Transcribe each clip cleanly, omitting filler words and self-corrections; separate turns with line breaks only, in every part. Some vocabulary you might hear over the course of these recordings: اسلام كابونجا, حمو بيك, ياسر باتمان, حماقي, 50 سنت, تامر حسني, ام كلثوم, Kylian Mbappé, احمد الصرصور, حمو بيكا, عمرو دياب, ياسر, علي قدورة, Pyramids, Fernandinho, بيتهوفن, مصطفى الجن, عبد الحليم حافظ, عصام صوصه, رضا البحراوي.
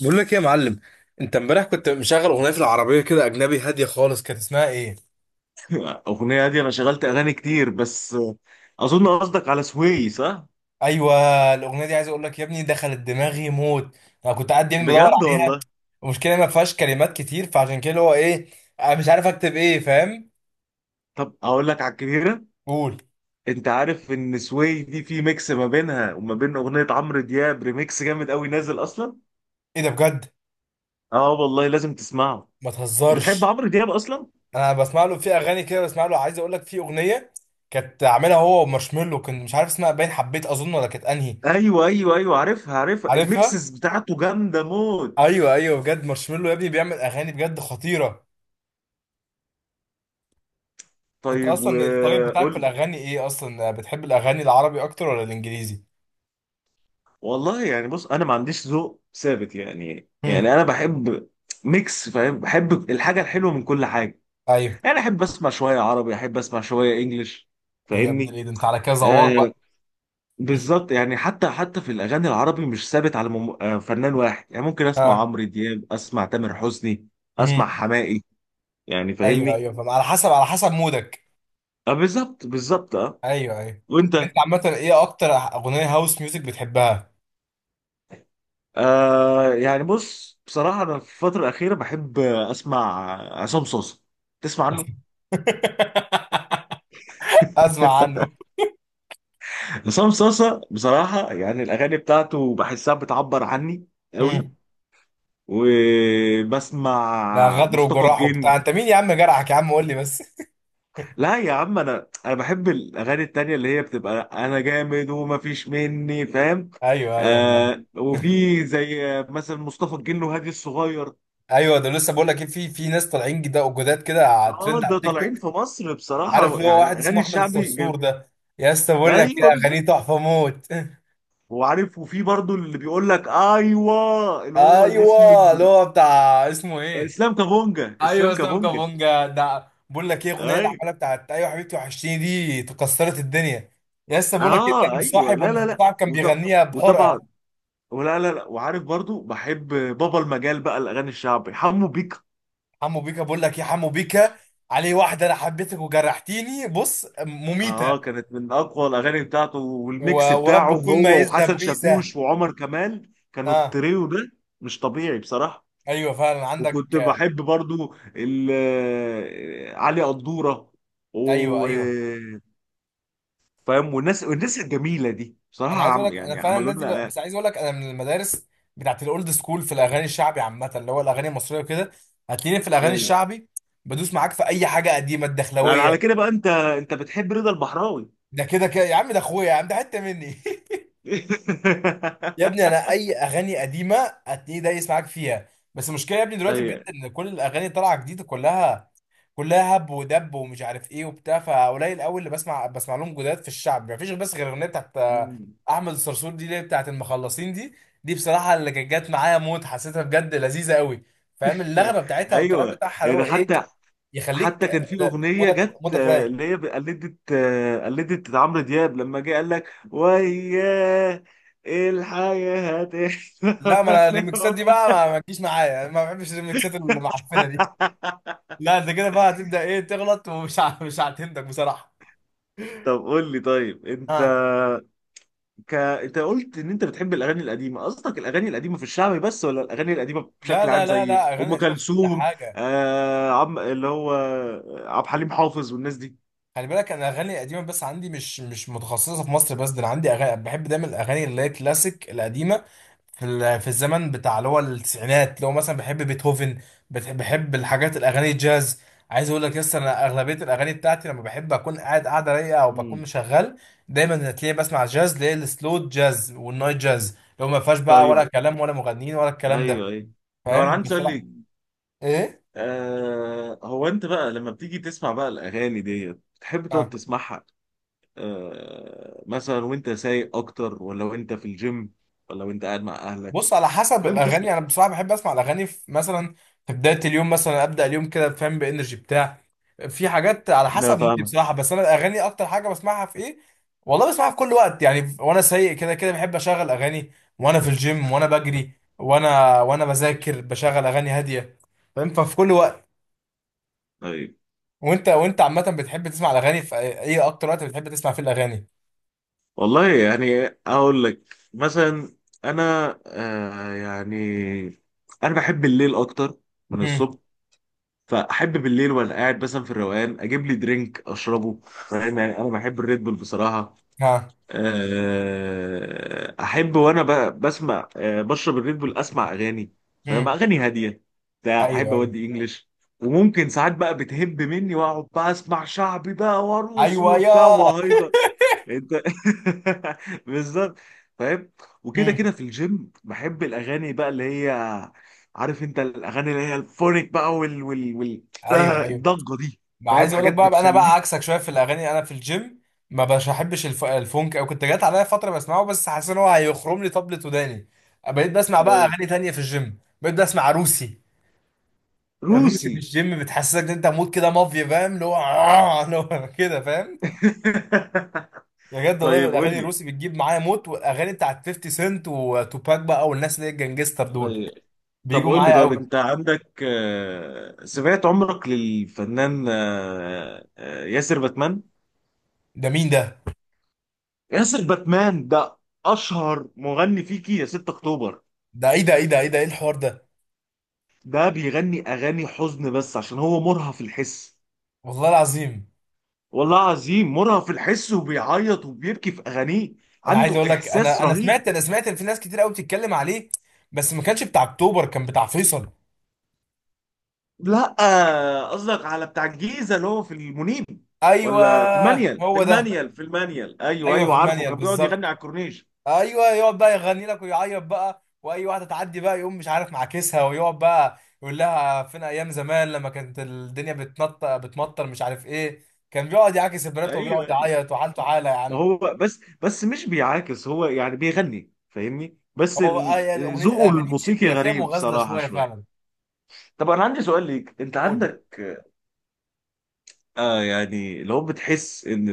بقول لك ايه يا معلم؟ انت امبارح كنت مشغل اغنيه في العربيه كده اجنبي هاديه خالص، كانت اسمها ايه؟
الاغنيه دي انا شغلت اغاني كتير، بس اظن قصدك على سوي. صح؟
ايوه، الاغنيه دي عايز اقول لك يا ابني دخلت دماغي موت. انا كنت قاعد بدور
بجد
عليها.
والله.
المشكله ما فيهاش كلمات كتير، فعشان كده اللي هو ايه، انا مش عارف اكتب ايه، فاهم؟
طب اقول لك على الكبيره.
قول.
انت عارف ان سوي دي في ميكس ما بينها وما بين اغنيه عمرو دياب، ريميكس جامد قوي نازل اصلا.
ايه ده بجد؟
اه والله لازم تسمعه.
ما
انت بتحب
تهزرش.
عمرو دياب اصلا؟
انا بسمع له في اغاني كده، بسمع له عايز اقول لك في اغنيه كانت عاملها هو ومارشميلو، كنت مش عارف اسمها، باين حبيت اظن، ولا كانت انهي؟
ايوه ايوه ايوه، عارفها عارفها،
عارفها.
الميكسز بتاعته جامده موت.
ايوه ايوه، بجد مارشميلو يا ابني بيعمل اغاني بجد خطيره. انت
طيب
اصلا الطريق بتاعك في
وقول.
الاغاني ايه اصلا؟ بتحب الاغاني العربي اكتر ولا الانجليزي؟
والله يعني بص، انا ما عنديش ذوق ثابت يعني
هم.
انا بحب ميكس، فاهم، بحب الحاجه الحلوه من كل حاجه.
ايوه
يعني احب اسمع شويه عربي احب اسمع شويه انجليش.
يا ابن
فاهمني؟
الايه ده، انت على كده زواق
آه
بقى.
بالظبط يعني، حتى في الاغاني العربي مش ثابت على فنان واحد، يعني ممكن اسمع
ها.
عمرو دياب، اسمع تامر حسني، اسمع
هم.
حماقي، يعني
ايوه
فاهمني.
ايوه فاهم، على حسب مودك.
آه بالظبط بالظبط اه.
ايوه ايوه.
وانت؟
انت عامه ايه اكتر اغنيه هاوس ميوزك بتحبها؟
يعني بص بصراحه انا في الفتره الاخيره بحب اسمع عصام صوصه. تسمع عنه؟
اسمع عنه.
عصام صوصه بصراحه يعني الاغاني بتاعته بحسها بتعبر عني
هم.
قوي. وبسمع
لا، غدر
مصطفى
وجراح
الجن.
وبتاع؟ انت مين يا عم؟ جرحك يا عم قول لي بس.
لا يا عم، انا بحب الاغاني التانية اللي هي بتبقى انا جامد ومفيش مني، فاهم.
ايوه ايوه فاهم.
آه وفي زي مثلا مصطفى الجن وهادي الصغير.
ايوه ده لسه بقول لك ايه، في ناس طالعين جدا جداد كده على
اه
ترند على
ده
التيك
طالعين
توك.
في مصر
عارف
بصراحة،
اللي هو
يعني
واحد اسمه
الاغاني
احمد
الشعبي
الصرصور ده؟ يا اسطى بقول لك، يا
ايوه
اغانيه
بالظبط.
تحفه موت.
وعارف وفي برضو اللي بيقول لك ايوه اللي هو اللي اسمه
ايوه اللي هو بتاع اسمه ايه؟
اسلام كابونجا
ايوه
اسلام
اسلام
كابونجا
كابونجا، ده بقول لك ايه، الاغنيه اللي
ايوه.
عملها بتاعت ايوه حبيبتي وحشتيني، دي كسرت الدنيا. يا اسطى بقول لك ايه،
اه
ده
ايوه، لا
صاحب
لا لا.
صاحب كان
وط...
بيغنيها
وطبعا.
بحرقه.
ولا لا لا. وعارف برضو بحب بابا المجال بقى الاغاني الشعبي، حمو بيك.
حمو بيكا بقول لك ايه، حمو بيكا عليه واحده انا حبيتك وجرحتيني، بص مميته.
اه كانت من اقوى الاغاني بتاعته، والميكس بتاعه
ورب كل ما
هو وحسن
يذنب ميزه.
شاكوش وعمر كمال كانوا
اه
التريو ده مش طبيعي بصراحة.
ايوه فعلا عندك.
وكنت بحب برضو علي قدورة
ايوه
و
ايوه.
فاهم، والناس الجميلة دي بصراحة
انا عايز اقول
عم
لك انا
يعني
فعلا
عملوا
الناس دي،
لنا
بس عايز اقول لك انا من المدارس بتاعت الاولد سكول في الاغاني الشعبي عامه، اللي هو الاغاني المصريه وكده. هتلاقيني في الاغاني
ايوه.
الشعبي بدوس معاك في اي حاجه قديمه
يعني على
الدخلويه.
كده بقى انت بتحب رضا البحراوي؟
ده كده كده يا عم، ده اخويا يا عم، ده حته مني. يا ابني انا اي اغاني قديمه هتلاقيه دايس معاك فيها. بس المشكله يا ابني دلوقتي بجد، ان كل الاغاني طالعه جديده كلها، كلها هب ودب ومش عارف ايه وبتاع. فقليل قوي اللي بسمع، لهم جداد في الشعب. مفيش بس غير الاغنيه بتاعت
ايوه.
احمد الصرصور دي، اللي هي بتاعت المخلصين دي. دي بصراحه اللي كانت جت معايا موت، حسيتها بجد لذيذه قوي. فاهم اللغمه بتاعتها والكلام
ايوه
بتاعها اللي هو
يعني
ايه،
حتى
يخليك.
حتى كان في
لا،
اغنيه جت
مودك رايق.
اللي هي قلدت قلدت عمرو دياب لما جه قال لك وياه، إيه الحياه
لا، ما
هتحلى.
انا الريمكسات دي بقى ما تجيش معايا، ما بحبش الريمكسات المعفنه دي. لا انت كده بقى هتبدا ايه تغلط، مش هعتمدك بصراحه.
طب قول لي طيب انت،
ها.
انت قلت ان انت بتحب الاغاني القديمه، قصدك الاغاني القديمه في الشعبي بس ولا الاغاني القديمه
لا
بشكل عام
لا لا
زي
لا، اغاني
ام
قديمه في كل
كلثوم؟
حاجه.
آه عم اللي هو عبد الحليم حافظ والناس دي.
خلي بالك انا اغاني قديمه، بس عندي مش متخصصه في مصر بس، ده انا عندي اغاني بحب دايما الاغاني اللي هي كلاسيك القديمه، في الزمن بتاع اللي هو التسعينات، اللي هو مثلا بحب بيتهوفن. بحب الحاجات الاغاني الجاز. عايز اقول لك، لسه انا اغلبيه الاغاني بتاعتي لما بحب اكون قاعده رايقه او بكون
مم.
شغال، دايما هتلاقيني بسمع جاز، اللي هي السلو جاز والنايت جاز، اللي هو ما فيهاش بقى
طيب.
ولا كلام ولا مغنيين ولا الكلام ده.
ايوه ايوه. طب انا
فاهم
عندي
بس؟ لا.
سؤال.
ايه؟
آه هو انت بقى لما بتيجي تسمع بقى الاغاني دي بتحب تقعد
آه.
تسمعها، آه مثلا وانت سايق اكتر، ولا وانت في الجيم، ولا وانت قاعد مع اهلك،
بص، على حسب
بتحب تسمع.
الاغاني. انا بصراحه بحب اسمع الاغاني في مثلا، في بدايه اليوم مثلا، ابدا اليوم كده، فاهم، بانرجي بتاع. في حاجات على
لا
حسب مودي
فاهمك.
بصراحه، بس انا الاغاني اكتر حاجه بسمعها في ايه، والله بسمعها في كل وقت وانا سايق. كده كده بحب اشغل اغاني وانا في الجيم وانا بجري وانا بذاكر، بشغل اغاني هاديه. فاهم؟ ففي كل وقت.
طيب
وانت عامه بتحب تسمع الاغاني في ايه؟ اكتر وقت بتحب تسمع فيه الاغاني؟
والله يعني اقول لك مثلا. انا آه يعني انا بحب الليل اكتر من
امم
الصبح، فاحب بالليل وانا قاعد مثلا في الروقان اجيب لي درينك اشربه، فاهم يعني، انا بحب الريد بول بصراحه.
ها.
احب وانا بسمع بشرب الريد بول اسمع اغاني، فاهم،
امم
اغاني هاديه بتاع، احب
ايوه ايوه.
اودي انجلش. وممكن ساعات بقى بتهب مني واقعد بقى اسمع شعبي بقى وارقص
ايوه
وبتاع
يا.
وهايبر. انت. بالظبط، فاهم. وكده
امم
كده في الجيم بحب الاغاني بقى اللي هي، عارف انت الاغاني اللي هي الفونيك بقى وال
ايوه ايوه.
الضجه دي،
ما
فاهم،
عايز اقول لك
حاجات
بقى، انا بقى
بتخليك.
عكسك شويه في الاغاني. انا في الجيم ما بش بحبش الفونك، او كنت جات عليا فتره بسمعه، بس حاسس ان هو هيخرم لي طبلة وداني. بقيت بسمع بقى
أيوة.
اغاني تانية في الجيم، بقيت بسمع روسي. الروسي
روسي.
في الجيم بتحسسك ان انت مود كده مافيا، فاهم اللي هو؟ اللي هو كده، فاهم. بجد والله
طيب قول
الاغاني
لي
الروسي بتجيب معايا موت، والاغاني بتاعت 50 سنت وتوباك بقى، والناس اللي هي الجنجستر دول
طيب طب
بيجوا
قول لي
معايا
طيب،
قوي.
انت عندك سمعت عمرك للفنان ياسر باتمان؟
ده مين ده؟
ياسر باتمان ده اشهر مغني فيكي يا 6 اكتوبر.
ده ايه الحوار ده؟
ده بيغني اغاني حزن بس عشان هو مرهف الحس.
والله العظيم.
والله عظيم مرهف الحس وبيعيط وبيبكي في اغانيه،
انا عايز
عنده
اقول لك،
احساس
انا
رهيب.
سمعت، انا سمعت ان في ناس كتير قوي بتتكلم عليه، بس ما كانش بتاع اكتوبر، كان بتاع فيصل.
لا قصدك على بتاع الجيزه اللي هو في المنيب،
ايوه.
ولا في المانيال؟ في
هو ده.
المانيال في المانيال ايوه
ايوه في
ايوه عارفه
المانيال
كان بيقعد يغني
بالظبط.
على الكورنيش.
ايوه يقعد بقى يغني لك ويعيط بقى، واي واحده تعدي بقى يقوم مش عارف معاكسها، ويقعد بقى يقول لها فين ايام زمان لما كانت الدنيا بتنطق بتمطر مش عارف ايه. كان بيقعد يعاكس البنات
ايوه
وبيقعد
ايوه.
يعيط وحالته حاله يا
ما
عم.
هو بس مش بيعاكس، هو يعني بيغني فاهمني، بس
هو بقى- آه، يا- اغنيه
ذوقه
اغانيه
الموسيقي
بيبقى فيها
غريب
مغازله
صراحة
شويه فعلا.
شوية. طب انا عندي سؤال ليك، انت
قول.
عندك آه يعني، لو بتحس ان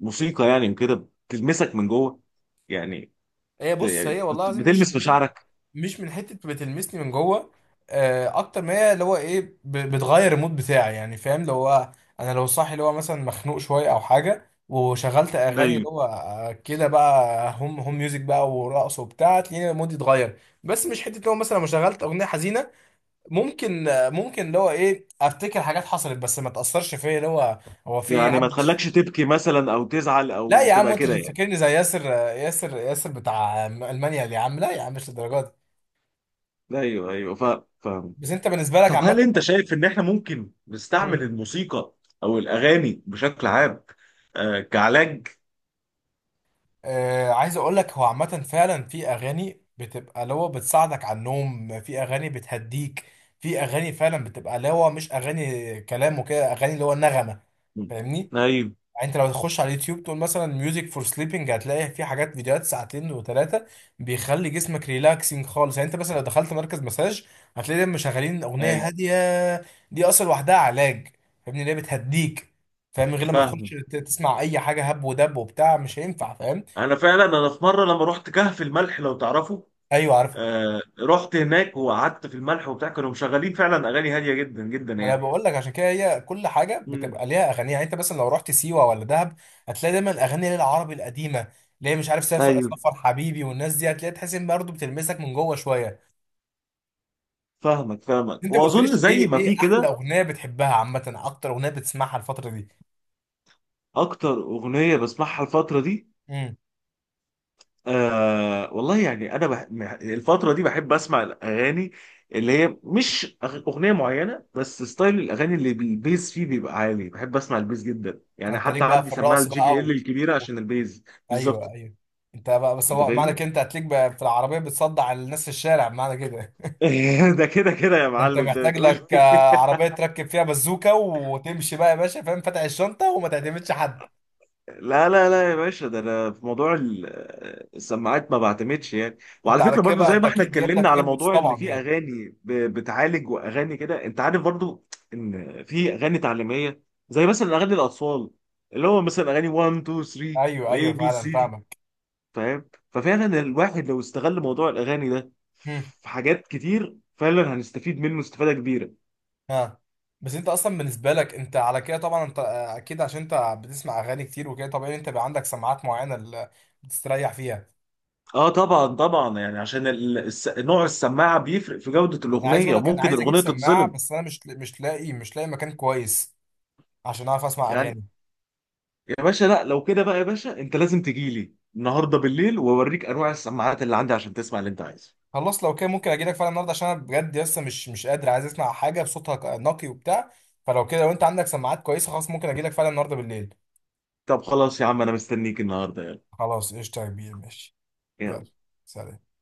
الموسيقى يعني كده بتلمسك من جوه، يعني
هي بص،
يعني
هي والله
بت-
العظيم مش
بتلمس
مش
مشاعرك.
مش من حته بتلمسني من جوه، اكتر ما هي اللي هو ايه، بتغير المود بتاعي يعني. فاهم لو هو، انا لو صاحي اللي هو مثلا مخنوق شويه او حاجه، وشغلت اغاني
ايوه
اللي هو كده بقى، هم هم ميوزك بقى ورقص وبتاع، تلاقيني مودي اتغير. بس مش حته لو مثلا لو شغلت اغنيه حزينه، ممكن ممكن اللي هو ايه، افتكر حاجات حصلت بس ما تاثرش فيا اللي هو، هو في إيه يا
يعني
عم
ما
مش-
تخلكش تبكي مثلا او تزعل
لا
او
يا عم،
تبقى
انت
كده
مش
يعني.
فاكرني زي ياسر، ياسر بتاع المانيا اللي يا عم، لا يا عم مش للدرجه دي.
ايوه ايوه فاهم.
بس انت بالنسبه لك
طب
عامه؟
هل انت شايف ان احنا ممكن نستعمل الموسيقى او الاغاني بشكل عام آه كعلاج؟
آه، عايز اقول لك هو عامة فعلا في اغاني بتبقى اللي هو بتساعدك على النوم، في اغاني بتهديك، في اغاني فعلا بتبقى اللي هو مش اغاني كلام وكده، اغاني اللي هو نغمة، فاهمني؟
ايوه
يعني انت لو تخش على اليوتيوب تقول مثلا ميوزك فور سليبنج، هتلاقي في حاجات فيديوهات ساعتين وثلاثة بيخلي جسمك ريلاكسنج خالص. يعني انت مثلا لو دخلت مركز مساج، هتلاقي دايما مشغلين اغنية
ايوه
هادية. دي اصلا لوحدها علاج، فاهمني؟ اللي هي بتهديك، فاهم؟ غير لما تخش
فاهم.
تسمع اي حاجة هب ودب وبتاع، مش هينفع، فاهم؟
انا فعلا في مره لما رحت كهف الملح لو تعرفه.
ايوه عارفه.
آه رحت هناك وقعدت في الملح وبتاع كانوا مشغلين فعلا اغاني هاديه جدا جدا
ما انا
يعني.
بقول لك عشان كده هي كل حاجه
امم.
بتبقى ليها اغاني. يعني انت مثلا لو رحت سيوه ولا دهب، هتلاقي دايما اغاني للعربي القديمه، اللي هي مش عارف سافر
ايوه
سفر حبيبي والناس دي، هتلاقي تحس ان برضه بتلمسك من جوه شويه.
فاهمك،
انت ما
واظن
قلتليش ايه،
زي ما في
ايه احلى
كده.
اغنيه بتحبها عامه؟ اكتر اغنيه بتسمعها الفتره دي؟
اكتر اغنيه بسمعها الفتره دي،
امم
آه والله يعني الفتره دي بحب اسمع الاغاني اللي هي مش اغنيه معينه بس ستايل الاغاني اللي البيز فيه بيبقى عالي، بحب اسمع البيز جدا يعني.
انت ليك
حتى
بقى
عندي
في
سماعه
الرقص
الجي بي
بقى
ال الكبيره
و-
عشان البيز.
ايوه
بالظبط.
ايوه. انت بقى بس،
انت
هو معنى
فاهمني.
كده انت هتليك بقى في العربيه بتصدع الناس في الشارع؟ معنى كده
ده كده كده يا
ده انت
معلم، ده
محتاج
بتقول.
لك عربية تركب فيها بزوكة وتمشي بقى يا باشا، فاهم، فاتح الشنطة وما تعتمدش حد.
لا لا لا يا باشا، ده انا في موضوع السماعات ما بعتمدش يعني.
انت
وعلى
على
فكره
كده
برضو
بقى
زي
انت
ما احنا
اكيد جايب
اتكلمنا
لك
على
ايربودز
موضوع ان
طبعا
في
يعني؟
اغاني بتعالج واغاني كده، انت عارف برضو ان في اغاني تعليميه زي مثلا اغاني الاطفال اللي هو مثلا اغاني 1 2 3،
ايوه ايوه
واي بي
فعلا
سي،
فاهمك.
فاهم. ففعلا الواحد لو استغل موضوع الاغاني ده
هم،
في حاجات كتير، فعلا هنستفيد منه استفاده كبيره.
ها. بس انت اصلا بالنسبة لك، انت على كده طبعا، انت اكيد عشان انت بتسمع اغاني كتير وكده، طبيعي انت بقى عندك سماعات معينة اللي بتستريح فيها.
اه طبعا طبعا يعني عشان نوع السماعه بيفرق في جوده
انا عايز
الاغنيه
اقول لك انا
وممكن
عايز اجيب
الاغنيه
سماعة،
تتظلم
بس انا مش لاقي، مش لاقي مكان كويس عشان اعرف اسمع
يعني.
اغاني.
يا باشا لا لو كده بقى يا باشا انت لازم تجي لي النهارده بالليل واوريك انواع السماعات اللي عندي عشان تسمع اللي انت عايزه.
خلاص، لو كده ممكن اجي لك فعلا النهارده، عشان انا بجد لسه مش قادر، عايز اسمع حاجه بصوتها نقي وبتاع. فلو كده، لو انت عندك سماعات كويسه، خلاص ممكن اجي لك فعلا النهارده بالليل.
طب خلاص يا عم انا مستنيك النهارده، يلا.
خلاص قشطه يا كبير ماشي. يلا.
يلا.
سلام.